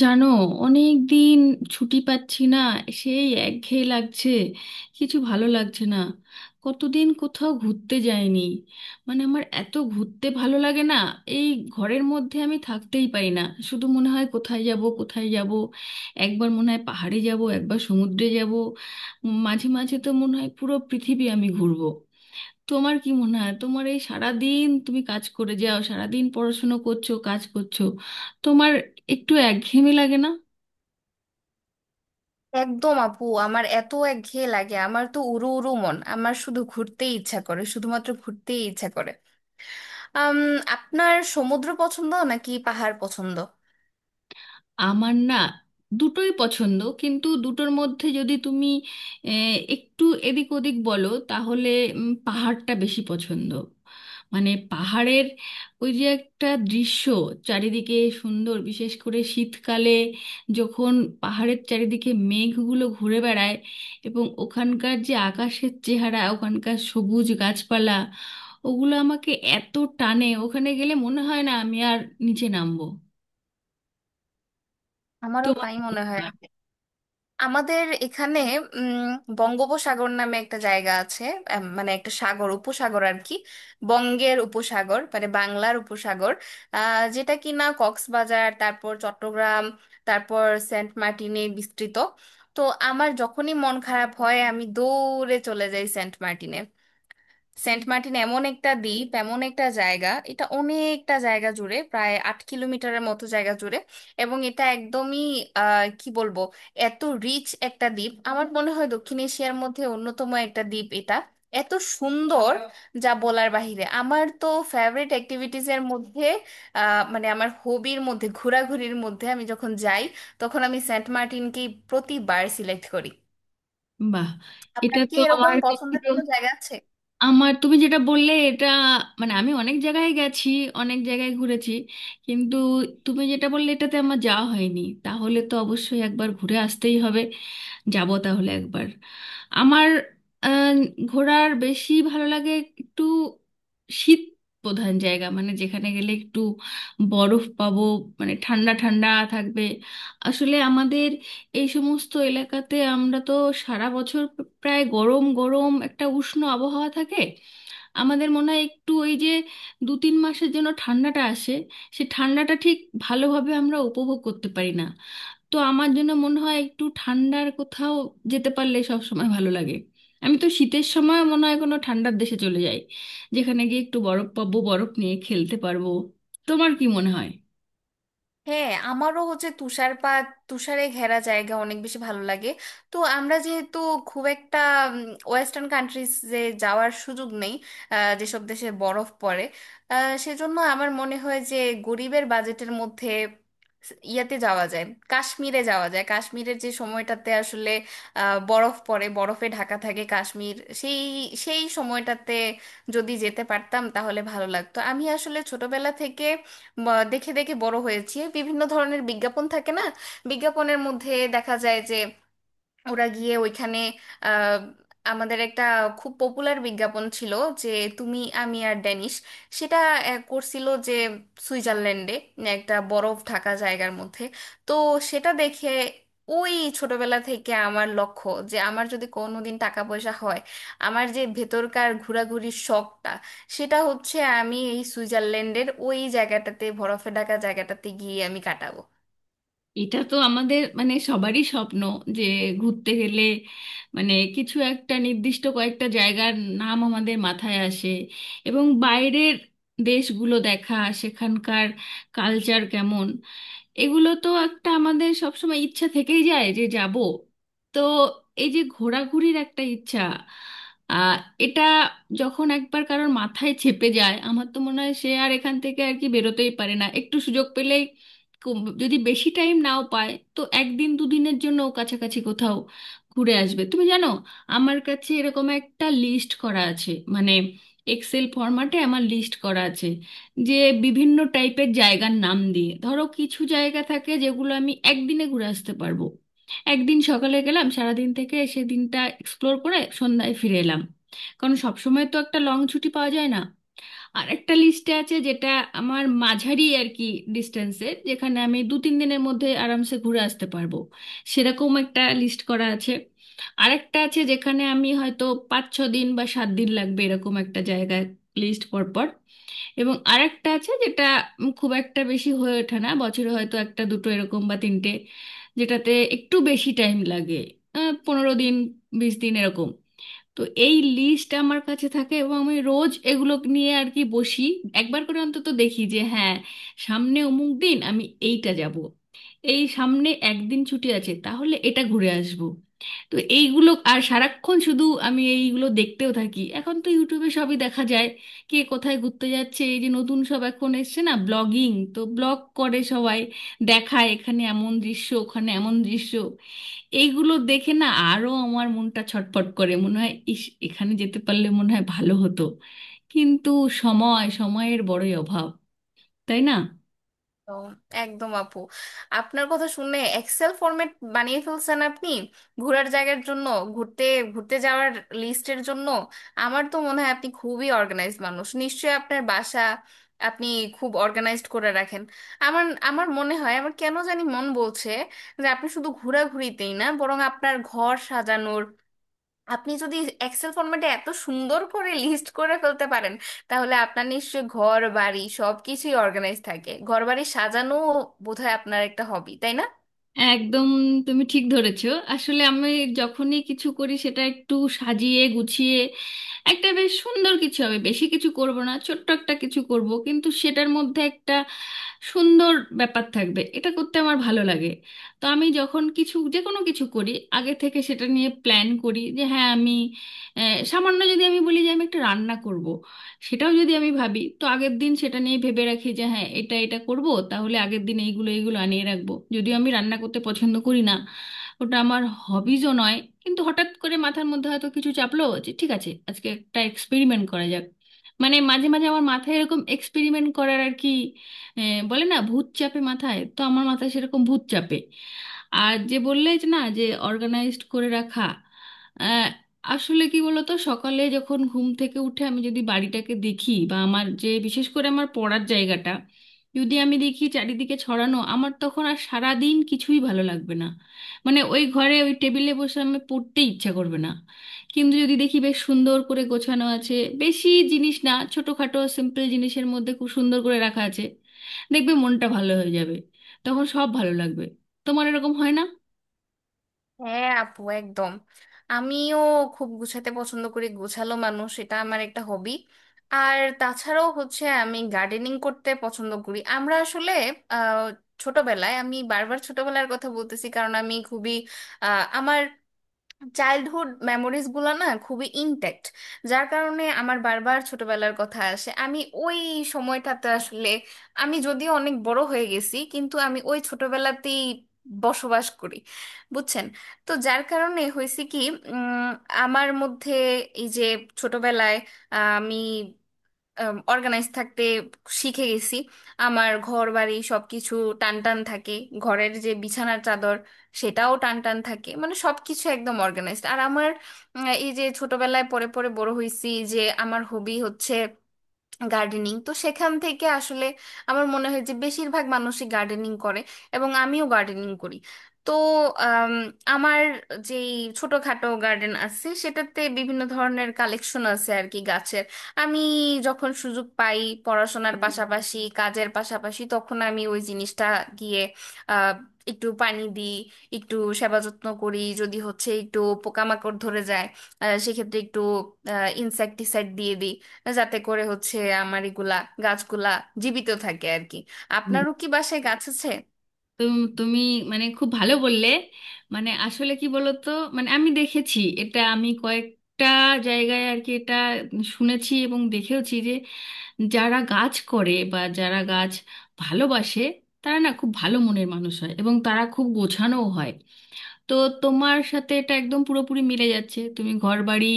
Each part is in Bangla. জানো, অনেক দিন ছুটি পাচ্ছি না। সেই একঘেয়ে লাগছে, কিছু ভালো লাগছে না। কতদিন কোথাও ঘুরতে যাইনি। মানে আমার এত ঘুরতে ভালো লাগে না এই, ঘরের মধ্যে আমি থাকতেই পারি না। শুধু মনে হয় কোথায় যাব কোথায় যাব। একবার মনে হয় পাহাড়ে যাব, একবার সমুদ্রে যাব। মাঝে মাঝে তো মনে হয় পুরো পৃথিবী আমি ঘুরবো। তোমার কি মনে হয়, তোমার এই সারাদিন তুমি কাজ করে যাও, সারাদিন পড়াশুনো করছো, কাজ করছো, তোমার একটু একঘেয়েমি লাগে না? একদম আপু, আমার এত একঘেয়ে লাগে। আমার তো উড়ু উড়ু মন, আমার শুধু ঘুরতেই ইচ্ছা করে, শুধুমাত্র ঘুরতেই ইচ্ছা করে। আম, আপনার সমুদ্র পছন্দ নাকি পাহাড় পছন্দ? আমার না দুটোই পছন্দ, কিন্তু দুটোর মধ্যে যদি তুমি একটু এদিক ওদিক বলো তাহলে পাহাড়টা বেশি পছন্দ। মানে পাহাড়ের ওই যে একটা দৃশ্য চারিদিকে সুন্দর, বিশেষ করে শীতকালে যখন পাহাড়ের চারিদিকে মেঘগুলো ঘুরে বেড়ায় এবং ওখানকার যে আকাশের চেহারা, ওখানকার সবুজ গাছপালা, ওগুলো আমাকে এত টানে, ওখানে গেলে মনে হয় না আমি আর নিচে নামবো। আমারও তোমার তাই কি মনে মনে হয়। হয়? আমাদের এখানে উম, বঙ্গোপসাগর নামে একটা জায়গা আছে। মানে একটা সাগর, উপসাগর আর কি। বঙ্গের উপসাগর, মানে বাংলার উপসাগর। যেটা কিনা কক্সবাজার, তারপর চট্টগ্রাম, তারপর সেন্ট মার্টিনে বিস্তৃত। তো আমার যখনই মন খারাপ হয়, আমি দৌড়ে চলে যাই সেন্ট মার্টিনে। সেন্ট মার্টিন এমন একটা দ্বীপ, এমন একটা জায়গা, এটা অনেকটা জায়গা জুড়ে, প্রায় 8 কিলোমিটারের মতো জায়গা জুড়ে। এবং এটা একদমই কি বলবো, এত রিচ একটা দ্বীপ। আমার মনে হয় দক্ষিণ এশিয়ার মধ্যে অন্যতম একটা দ্বীপ এটা। এত সুন্দর যা বলার বাহিরে। আমার তো ফেভারিট অ্যাক্টিভিটিজ এর মধ্যে, মানে আমার হবির মধ্যে, ঘোরাঘুরির মধ্যে আমি যখন যাই, তখন আমি সেন্ট মার্টিনকেই প্রতিবার সিলেক্ট করি। বাহ। এটা আপনার কি তো এরকম আমার পছন্দের কখনো, কোনো জায়গা আছে? আমার তুমি যেটা বললে এটা, মানে আমি অনেক জায়গায় গেছি, অনেক জায়গায় ঘুরেছি, কিন্তু তুমি যেটা বললে এটাতে আমার যাওয়া হয়নি, তাহলে তো অবশ্যই একবার ঘুরে আসতেই হবে। যাব তাহলে একবার। আমার আহ, ঘোরার বেশি ভালো লাগে একটু শীত প্রধান জায়গা, মানে যেখানে গেলে একটু বরফ পাবো, মানে ঠান্ডা ঠান্ডা থাকবে। আসলে আমাদের এই সমস্ত এলাকাতে আমরা তো সারা বছর প্রায় গরম গরম একটা উষ্ণ আবহাওয়া থাকে। আমাদের মনে হয় একটু ওই যে 2-3 মাসের জন্য ঠান্ডাটা আসে, সে ঠান্ডাটা ঠিক ভালোভাবে আমরা উপভোগ করতে পারি না। তো আমার জন্য মনে হয় একটু ঠান্ডার কোথাও যেতে পারলে সব সময় ভালো লাগে। আমি তো শীতের সময় মনে হয় কোনো ঠান্ডার দেশে চলে যাই, যেখানে গিয়ে একটু বরফ পাবো, বরফ নিয়ে খেলতে পারবো। তোমার কি মনে হয়? হ্যাঁ, আমারও হচ্ছে তুষারপাত, তুষারে ঘেরা জায়গা অনেক বেশি ভালো লাগে। তো আমরা যেহেতু খুব একটা ওয়েস্টার্ন কান্ট্রিজ যে যাওয়ার সুযোগ নেই, যেসব দেশে বরফ পড়ে, আহ, সেজন্য আমার মনে হয় যে গরিবের বাজেটের মধ্যে ইয়াতে যাওয়া যায়, কাশ্মীরে যাওয়া যায়। কাশ্মীরের যে সময়টাতে আসলে বরফ পড়ে, বরফে ঢাকা থাকে কাশ্মীর, সেই সেই সময়টাতে যদি যেতে পারতাম তাহলে ভালো লাগতো। আমি আসলে ছোটবেলা থেকে দেখে দেখে বড় হয়েছি। বিভিন্ন ধরনের বিজ্ঞাপন থাকে না, বিজ্ঞাপনের মধ্যে দেখা যায় যে ওরা গিয়ে ওইখানে, আহ, আমাদের একটা খুব পপুলার বিজ্ঞাপন ছিল যে তুমি আমি আর ড্যানিশ, সেটা করছিল যে সুইজারল্যান্ডে একটা বরফ ঢাকা জায়গার মধ্যে। তো সেটা দেখে ওই ছোটবেলা থেকে আমার লক্ষ্য যে আমার যদি কোনোদিন টাকা পয়সা হয়, আমার যে ভেতরকার ঘোরাঘুরির শখটা, সেটা হচ্ছে আমি এই সুইজারল্যান্ডের ওই জায়গাটাতে, বরফে ঢাকা জায়গাটাতে গিয়ে আমি কাটাবো। এটা তো আমাদের মানে সবারই স্বপ্ন, যে ঘুরতে গেলে মানে কিছু একটা নির্দিষ্ট কয়েকটা জায়গার নাম আমাদের মাথায় আসে, এবং বাইরের দেশগুলো দেখা, সেখানকার কালচার কেমন, এগুলো তো একটা আমাদের সবসময় ইচ্ছা থেকেই যায় যে যাব। তো এই যে ঘোরাঘুরির একটা ইচ্ছা, আহ এটা যখন একবার কারোর মাথায় চেপে যায় আমার তো মনে হয় সে আর এখান থেকে আর কি বেরোতেই পারে না। একটু সুযোগ পেলেই যদি বেশি টাইম নাও পায় তো একদিন দুদিনের জন্য ও কাছাকাছি কোথাও ঘুরে আসবে। তুমি জানো, আমার কাছে এরকম একটা লিস্ট করা আছে মানে এক্সেল ফরম্যাটে আমার লিস্ট করা আছে, যে বিভিন্ন টাইপের জায়গার নাম দিয়ে, ধরো কিছু জায়গা থাকে যেগুলো আমি একদিনে ঘুরে আসতে পারবো, একদিন সকালে গেলাম সারাদিন থেকে সেদিনটা এক্সপ্লোর করে সন্ধ্যায় ফিরে এলাম, কারণ সব সময় তো একটা লং ছুটি পাওয়া যায় না। আর একটা লিস্টে আছে যেটা আমার মাঝারি আর কি ডিস্টেন্সের, যেখানে আমি 2-3 দিনের মধ্যে আরামসে ঘুরে আসতে পারবো, সেরকম একটা লিস্ট করা আছে। আর একটা আছে যেখানে আমি হয়তো 5-6 দিন বা 7 দিন লাগবে, এরকম একটা জায়গায় লিস্ট পরপর। এবং আরেকটা আছে যেটা খুব একটা বেশি হয়ে ওঠে না, বছরে হয়তো একটা দুটো এরকম বা তিনটে, যেটাতে একটু বেশি টাইম লাগে, 15 দিন 20 দিন এরকম। তো এই লিস্ট আমার কাছে থাকে এবং আমি রোজ এগুলো নিয়ে আর কি বসি, একবার করে অন্তত দেখি যে হ্যাঁ সামনে অমুক দিন আমি এইটা যাব, এই সামনে একদিন ছুটি আছে তাহলে এটা ঘুরে আসব। তো এইগুলো আর সারাক্ষণ শুধু আমি এইগুলো দেখতেও থাকি, এখন তো ইউটিউবে সবই দেখা যায়, কে কোথায় ঘুরতে যাচ্ছে। এই যে নতুন সব এখন এসছে না ব্লগিং, তো ব্লগ করে সবাই, দেখায় এখানে এমন দৃশ্য, ওখানে এমন দৃশ্য। এইগুলো দেখে না আরো আমার মনটা ছটফট করে, মনে হয় ইস এখানে যেতে পারলে মনে হয় ভালো হতো। কিন্তু সময় সময়ের বড়ই অভাব, তাই না? একদম একদম আপু, আপনার কথা শুনে এক্সেল ফরম্যাট বানিয়ে ফেলছেন আপনি ঘোরার জায়গার জন্য, ঘুরতে ঘুরতে যাওয়ার লিস্টের জন্য। আমার তো মনে হয় আপনি খুবই অর্গানাইজড মানুষ, নিশ্চয়ই আপনার বাসা আপনি খুব অর্গানাইজড করে রাখেন। আমার আমার মনে হয়, আমার কেন জানি মন বলছে যে আপনি শুধু ঘোরাঘুরিতেই না, বরং আপনার ঘর সাজানোর, আপনি যদি এক্সেল ফরম্যাটে এত সুন্দর করে লিস্ট করে ফেলতে পারেন, তাহলে আপনার নিশ্চয়ই ঘর বাড়ি সবকিছুই অর্গানাইজ থাকে। ঘর বাড়ি সাজানো বোধহয় আপনার একটা হবি, তাই না? একদম। তুমি ঠিক ধরেছো। আসলে আমি যখনই কিছু করি সেটা একটু সাজিয়ে গুছিয়ে একটা বেশ সুন্দর কিছু হবে, বেশি কিছু করব না ছোট্ট একটা কিছু করব কিন্তু সেটার মধ্যে একটা সুন্দর ব্যাপার থাকবে, এটা করতে আমার ভালো লাগে। তো আমি যখন কিছু যে কোনো কিছু করি আগে থেকে সেটা নিয়ে প্ল্যান করি যে হ্যাঁ আমি, সামান্য যদি আমি বলি যে আমি একটা রান্না করব, সেটাও যদি আমি ভাবি তো আগের দিন সেটা নিয়ে ভেবে রাখি যে হ্যাঁ এটা এটা করব, তাহলে আগের দিন এইগুলো এইগুলো আনিয়ে রাখবো, যদিও আমি রান্না করতে পছন্দ করি না, ওটা আমার হবিজও নয়। কিন্তু হঠাৎ করে মাথার মধ্যে হয়তো কিছু চাপলো যে ঠিক আছে আজকে একটা এক্সপেরিমেন্ট করা যাক, মানে মাঝে মাঝে আমার মাথায় এরকম এক্সপেরিমেন্ট করার আর কি, বলে না ভূত চাপে মাথায়, তো আমার মাথায় সেরকম ভূত চাপে। আর যে বললে যে না যে অর্গানাইজড করে রাখা, আসলে কি বলতো সকালে যখন ঘুম থেকে উঠে আমি যদি বাড়িটাকে দেখি বা আমার যে বিশেষ করে আমার পড়ার জায়গাটা যদি আমি দেখি চারিদিকে ছড়ানো, আমার তখন আর সারা দিন কিছুই ভালো লাগবে না। মানে ওই ঘরে ওই টেবিলে বসে আমি পড়তে ইচ্ছা করবে না। কিন্তু যদি দেখি বেশ সুন্দর করে গোছানো আছে, বেশি জিনিস না ছোটখাটো সিম্পল জিনিসের মধ্যে খুব সুন্দর করে রাখা আছে, দেখবে মনটা ভালো হয়ে যাবে, তখন সব ভালো লাগবে। তোমার এরকম হয় না? হ্যাঁ আপু, একদম। আমিও খুব গুছাতে পছন্দ করি, গোছালো মানুষ, এটা আমার একটা হবি। আর তাছাড়াও হচ্ছে আমি গার্ডেনিং করতে পছন্দ করি। আমরা আসলে আহ, ছোটবেলায়, আমি বারবার ছোটবেলার কথা বলতেছি কারণ আমি খুবই আমার চাইল্ডহুড মেমোরিজ গুলা না খুবই ইনট্যাক্ট, যার কারণে আমার বারবার ছোটবেলার কথা আসে। আমি ওই সময়টাতে আসলে, আমি যদিও অনেক বড় হয়ে গেছি কিন্তু আমি ওই ছোটবেলাতেই বসবাস করি, বুঝছেন। তো যার কারণে হয়েছে কি, উম, আমার মধ্যে এই যে ছোটবেলায় আমি অর্গানাইজ থাকতে শিখে গেছি। আমার ঘর বাড়ি সবকিছু টান টান থাকে, ঘরের যে বিছানার চাদর সেটাও টান টান থাকে, মানে সবকিছু একদম অর্গানাইজড। আর আমার এই যে ছোটবেলায় পরে পরে বড় হয়েছি, যে আমার হবি হচ্ছে গার্ডেনিং, তো সেখান থেকে আসলে আমার মনে হয় যে বেশিরভাগ মানুষই গার্ডেনিং করে, এবং আমিও গার্ডেনিং করি। তো আম, আমার যে ছোটখাটো গার্ডেন আছে সেটাতে বিভিন্ন ধরনের কালেকশন আছে আর কি, গাছের। আমি যখন সুযোগ পাই, পড়াশোনার পাশাপাশি কাজের পাশাপাশি, তখন আমি ওই জিনিসটা গিয়ে আহ, একটু পানি দিই, একটু সেবা যত্ন করি। যদি হচ্ছে একটু পোকামাকড় ধরে যায়, সেক্ষেত্রে একটু ইনসেক্টিসাইড দিয়ে দিই, যাতে করে হচ্ছে আমার এগুলা গাছগুলা জীবিত থাকে আর কি। আপনারও কি বাসায় গাছ আছে? তুমি মানে খুব ভালো বললে। মানে আসলে কি বলতো, মানে আমি দেখেছি এটা আমি কয়েকটা জায়গায় আর কি এটা শুনেছি এবং দেখেওছি যে যারা গাছ করে বা যারা গাছ ভালোবাসে তারা না খুব ভালো মনের মানুষ হয় এবং তারা খুব গোছানোও হয়। তো তোমার সাথে এটা একদম পুরোপুরি মিলে যাচ্ছে, তুমি ঘরবাড়ি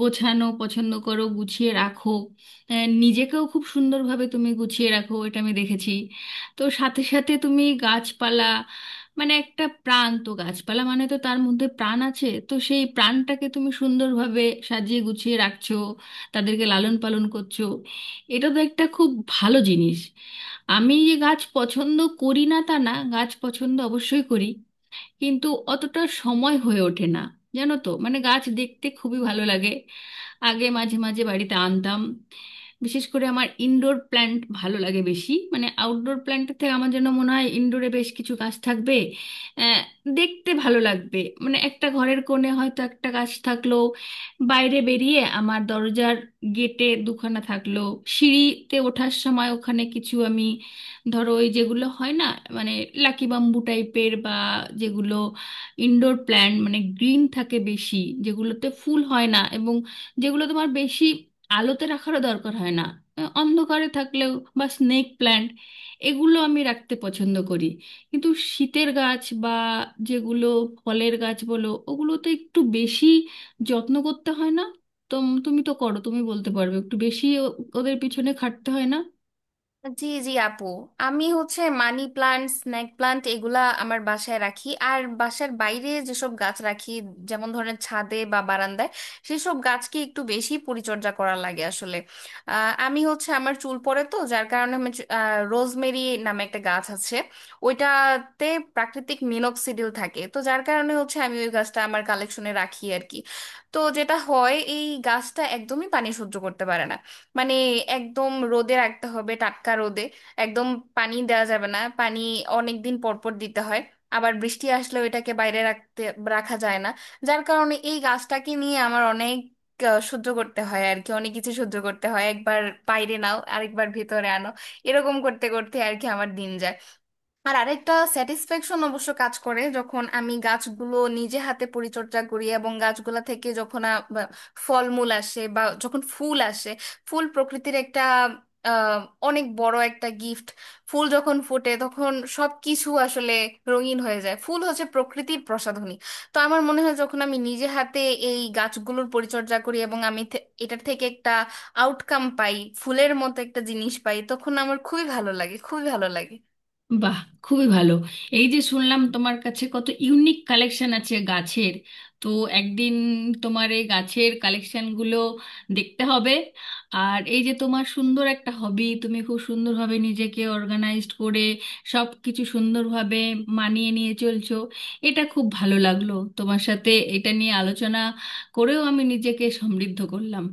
গোছানো পছন্দ করো, গুছিয়ে রাখো, নিজেকেও খুব সুন্দরভাবে তুমি গুছিয়ে রাখো, এটা আমি দেখেছি। তো সাথে সাথে তুমি গাছপালা, মানে একটা প্রাণ, তো গাছপালা মানে তো তার মধ্যে প্রাণ আছে, তো সেই প্রাণটাকে তুমি সুন্দরভাবে সাজিয়ে গুছিয়ে রাখছো, তাদেরকে লালন পালন করছো, এটা তো একটা খুব ভালো জিনিস। আমি যে গাছ পছন্দ করি না তা না, গাছ পছন্দ অবশ্যই করি, কিন্তু অতটা সময় হয়ে ওঠে না। জানো তো মানে গাছ দেখতে খুবই ভালো লাগে। আগে মাঝে মাঝে বাড়িতে আনতাম। বিশেষ করে আমার ইনডোর প্ল্যান্ট ভালো লাগে বেশি, মানে আউটডোর প্ল্যান্টের থেকে, আমার যেন মনে হয় ইনডোরে বেশ কিছু গাছ থাকবে, আহ, দেখতে ভালো লাগবে। মানে একটা ঘরের কোণে হয়তো একটা গাছ থাকলো, বাইরে বেরিয়ে আমার দরজার গেটে দুখানা থাকলো, সিঁড়িতে ওঠার সময় ওখানে কিছু আমি ধরো ওই যেগুলো হয় না মানে লাকি বাম্বু টাইপের বা যেগুলো ইনডোর প্ল্যান্ট মানে গ্রিন থাকে বেশি, যেগুলোতে ফুল হয় না এবং যেগুলো তোমার বেশি আলোতে রাখারও দরকার হয় না, অন্ধকারে থাকলেও, বা স্নেক প্ল্যান্ট, এগুলো আমি রাখতে পছন্দ করি। কিন্তু শীতের গাছ বা যেগুলো ফলের গাছ বলো ওগুলোতে একটু বেশি যত্ন করতে হয় না? তো তুমি তো করো, তুমি বলতে পারবে একটু বেশি ওদের পিছনে খাটতে হয় না। জি জি আপু, আমি হচ্ছে মানি প্লান্ট, স্নেক প্লান্ট, এগুলা আমার বাসায় রাখি। আর বাসার বাইরে যেসব গাছ রাখি, যেমন ধরেন ছাদে বা বারান্দায়, সেসব গাছকে একটু বেশি পরিচর্যা করা লাগে আসলে। আমি হচ্ছে আমার চুল পড়ে, তো যার কারণে আমি রোজমেরি নামে একটা গাছ আছে, ওইটাতে প্রাকৃতিক মিনক্সিডিল থাকে, তো যার কারণে হচ্ছে আমি ওই গাছটা আমার কালেকশনে রাখি আর কি। তো যেটা হয়, এই গাছটা একদমই পানি সহ্য করতে পারে না। মানে একদম রোদে রাখতে হবে, টাটকা রোদে। একদম পানি দেওয়া যাবে না, পানি অনেক দিন পর পর দিতে হয়। আবার বৃষ্টি আসলেও এটাকে বাইরে রাখতে রাখা যায় না। যার কারণে এই গাছটাকে নিয়ে আমার অনেক সহ্য করতে হয় আর কি, অনেক কিছু সহ্য করতে হয়। একবার বাইরে নাও, আরেকবার ভেতরে আনো, এরকম করতে করতে আর কি আমার দিন যায়। আর আরেকটা স্যাটিসফ্যাকশন অবশ্য কাজ করে, যখন আমি গাছগুলো নিজে হাতে পরিচর্যা করি এবং গাছগুলা থেকে যখন ফলমূল আসে বা যখন ফুল আসে। ফুল প্রকৃতির একটা আহ, অনেক বড় একটা গিফট। ফুল যখন ফোটে তখন সব কিছু আসলে রঙিন হয়ে যায়, ফুল হচ্ছে প্রকৃতির প্রসাধনী। তো আমার মনে হয়, যখন আমি নিজে হাতে এই গাছগুলোর পরিচর্যা করি এবং আমি এটার থেকে একটা আউটকাম পাই, ফুলের মতো একটা জিনিস পাই, তখন আমার খুবই ভালো লাগে, খুবই ভালো লাগে। বাহ, খুবই ভালো। এই যে শুনলাম তোমার কাছে কত ইউনিক কালেকশন আছে গাছের। তো একদিন তোমার এই গাছের কালেকশনগুলো দেখতে হবে। আর এই যে তোমার সুন্দর একটা হবি, তুমি খুব সুন্দরভাবে নিজেকে অর্গানাইজড করে সব কিছু সুন্দরভাবে মানিয়ে নিয়ে চলছো, এটা খুব ভালো লাগলো। তোমার সাথে এটা নিয়ে আলোচনা করেও আমি নিজেকে সমৃদ্ধ করলাম।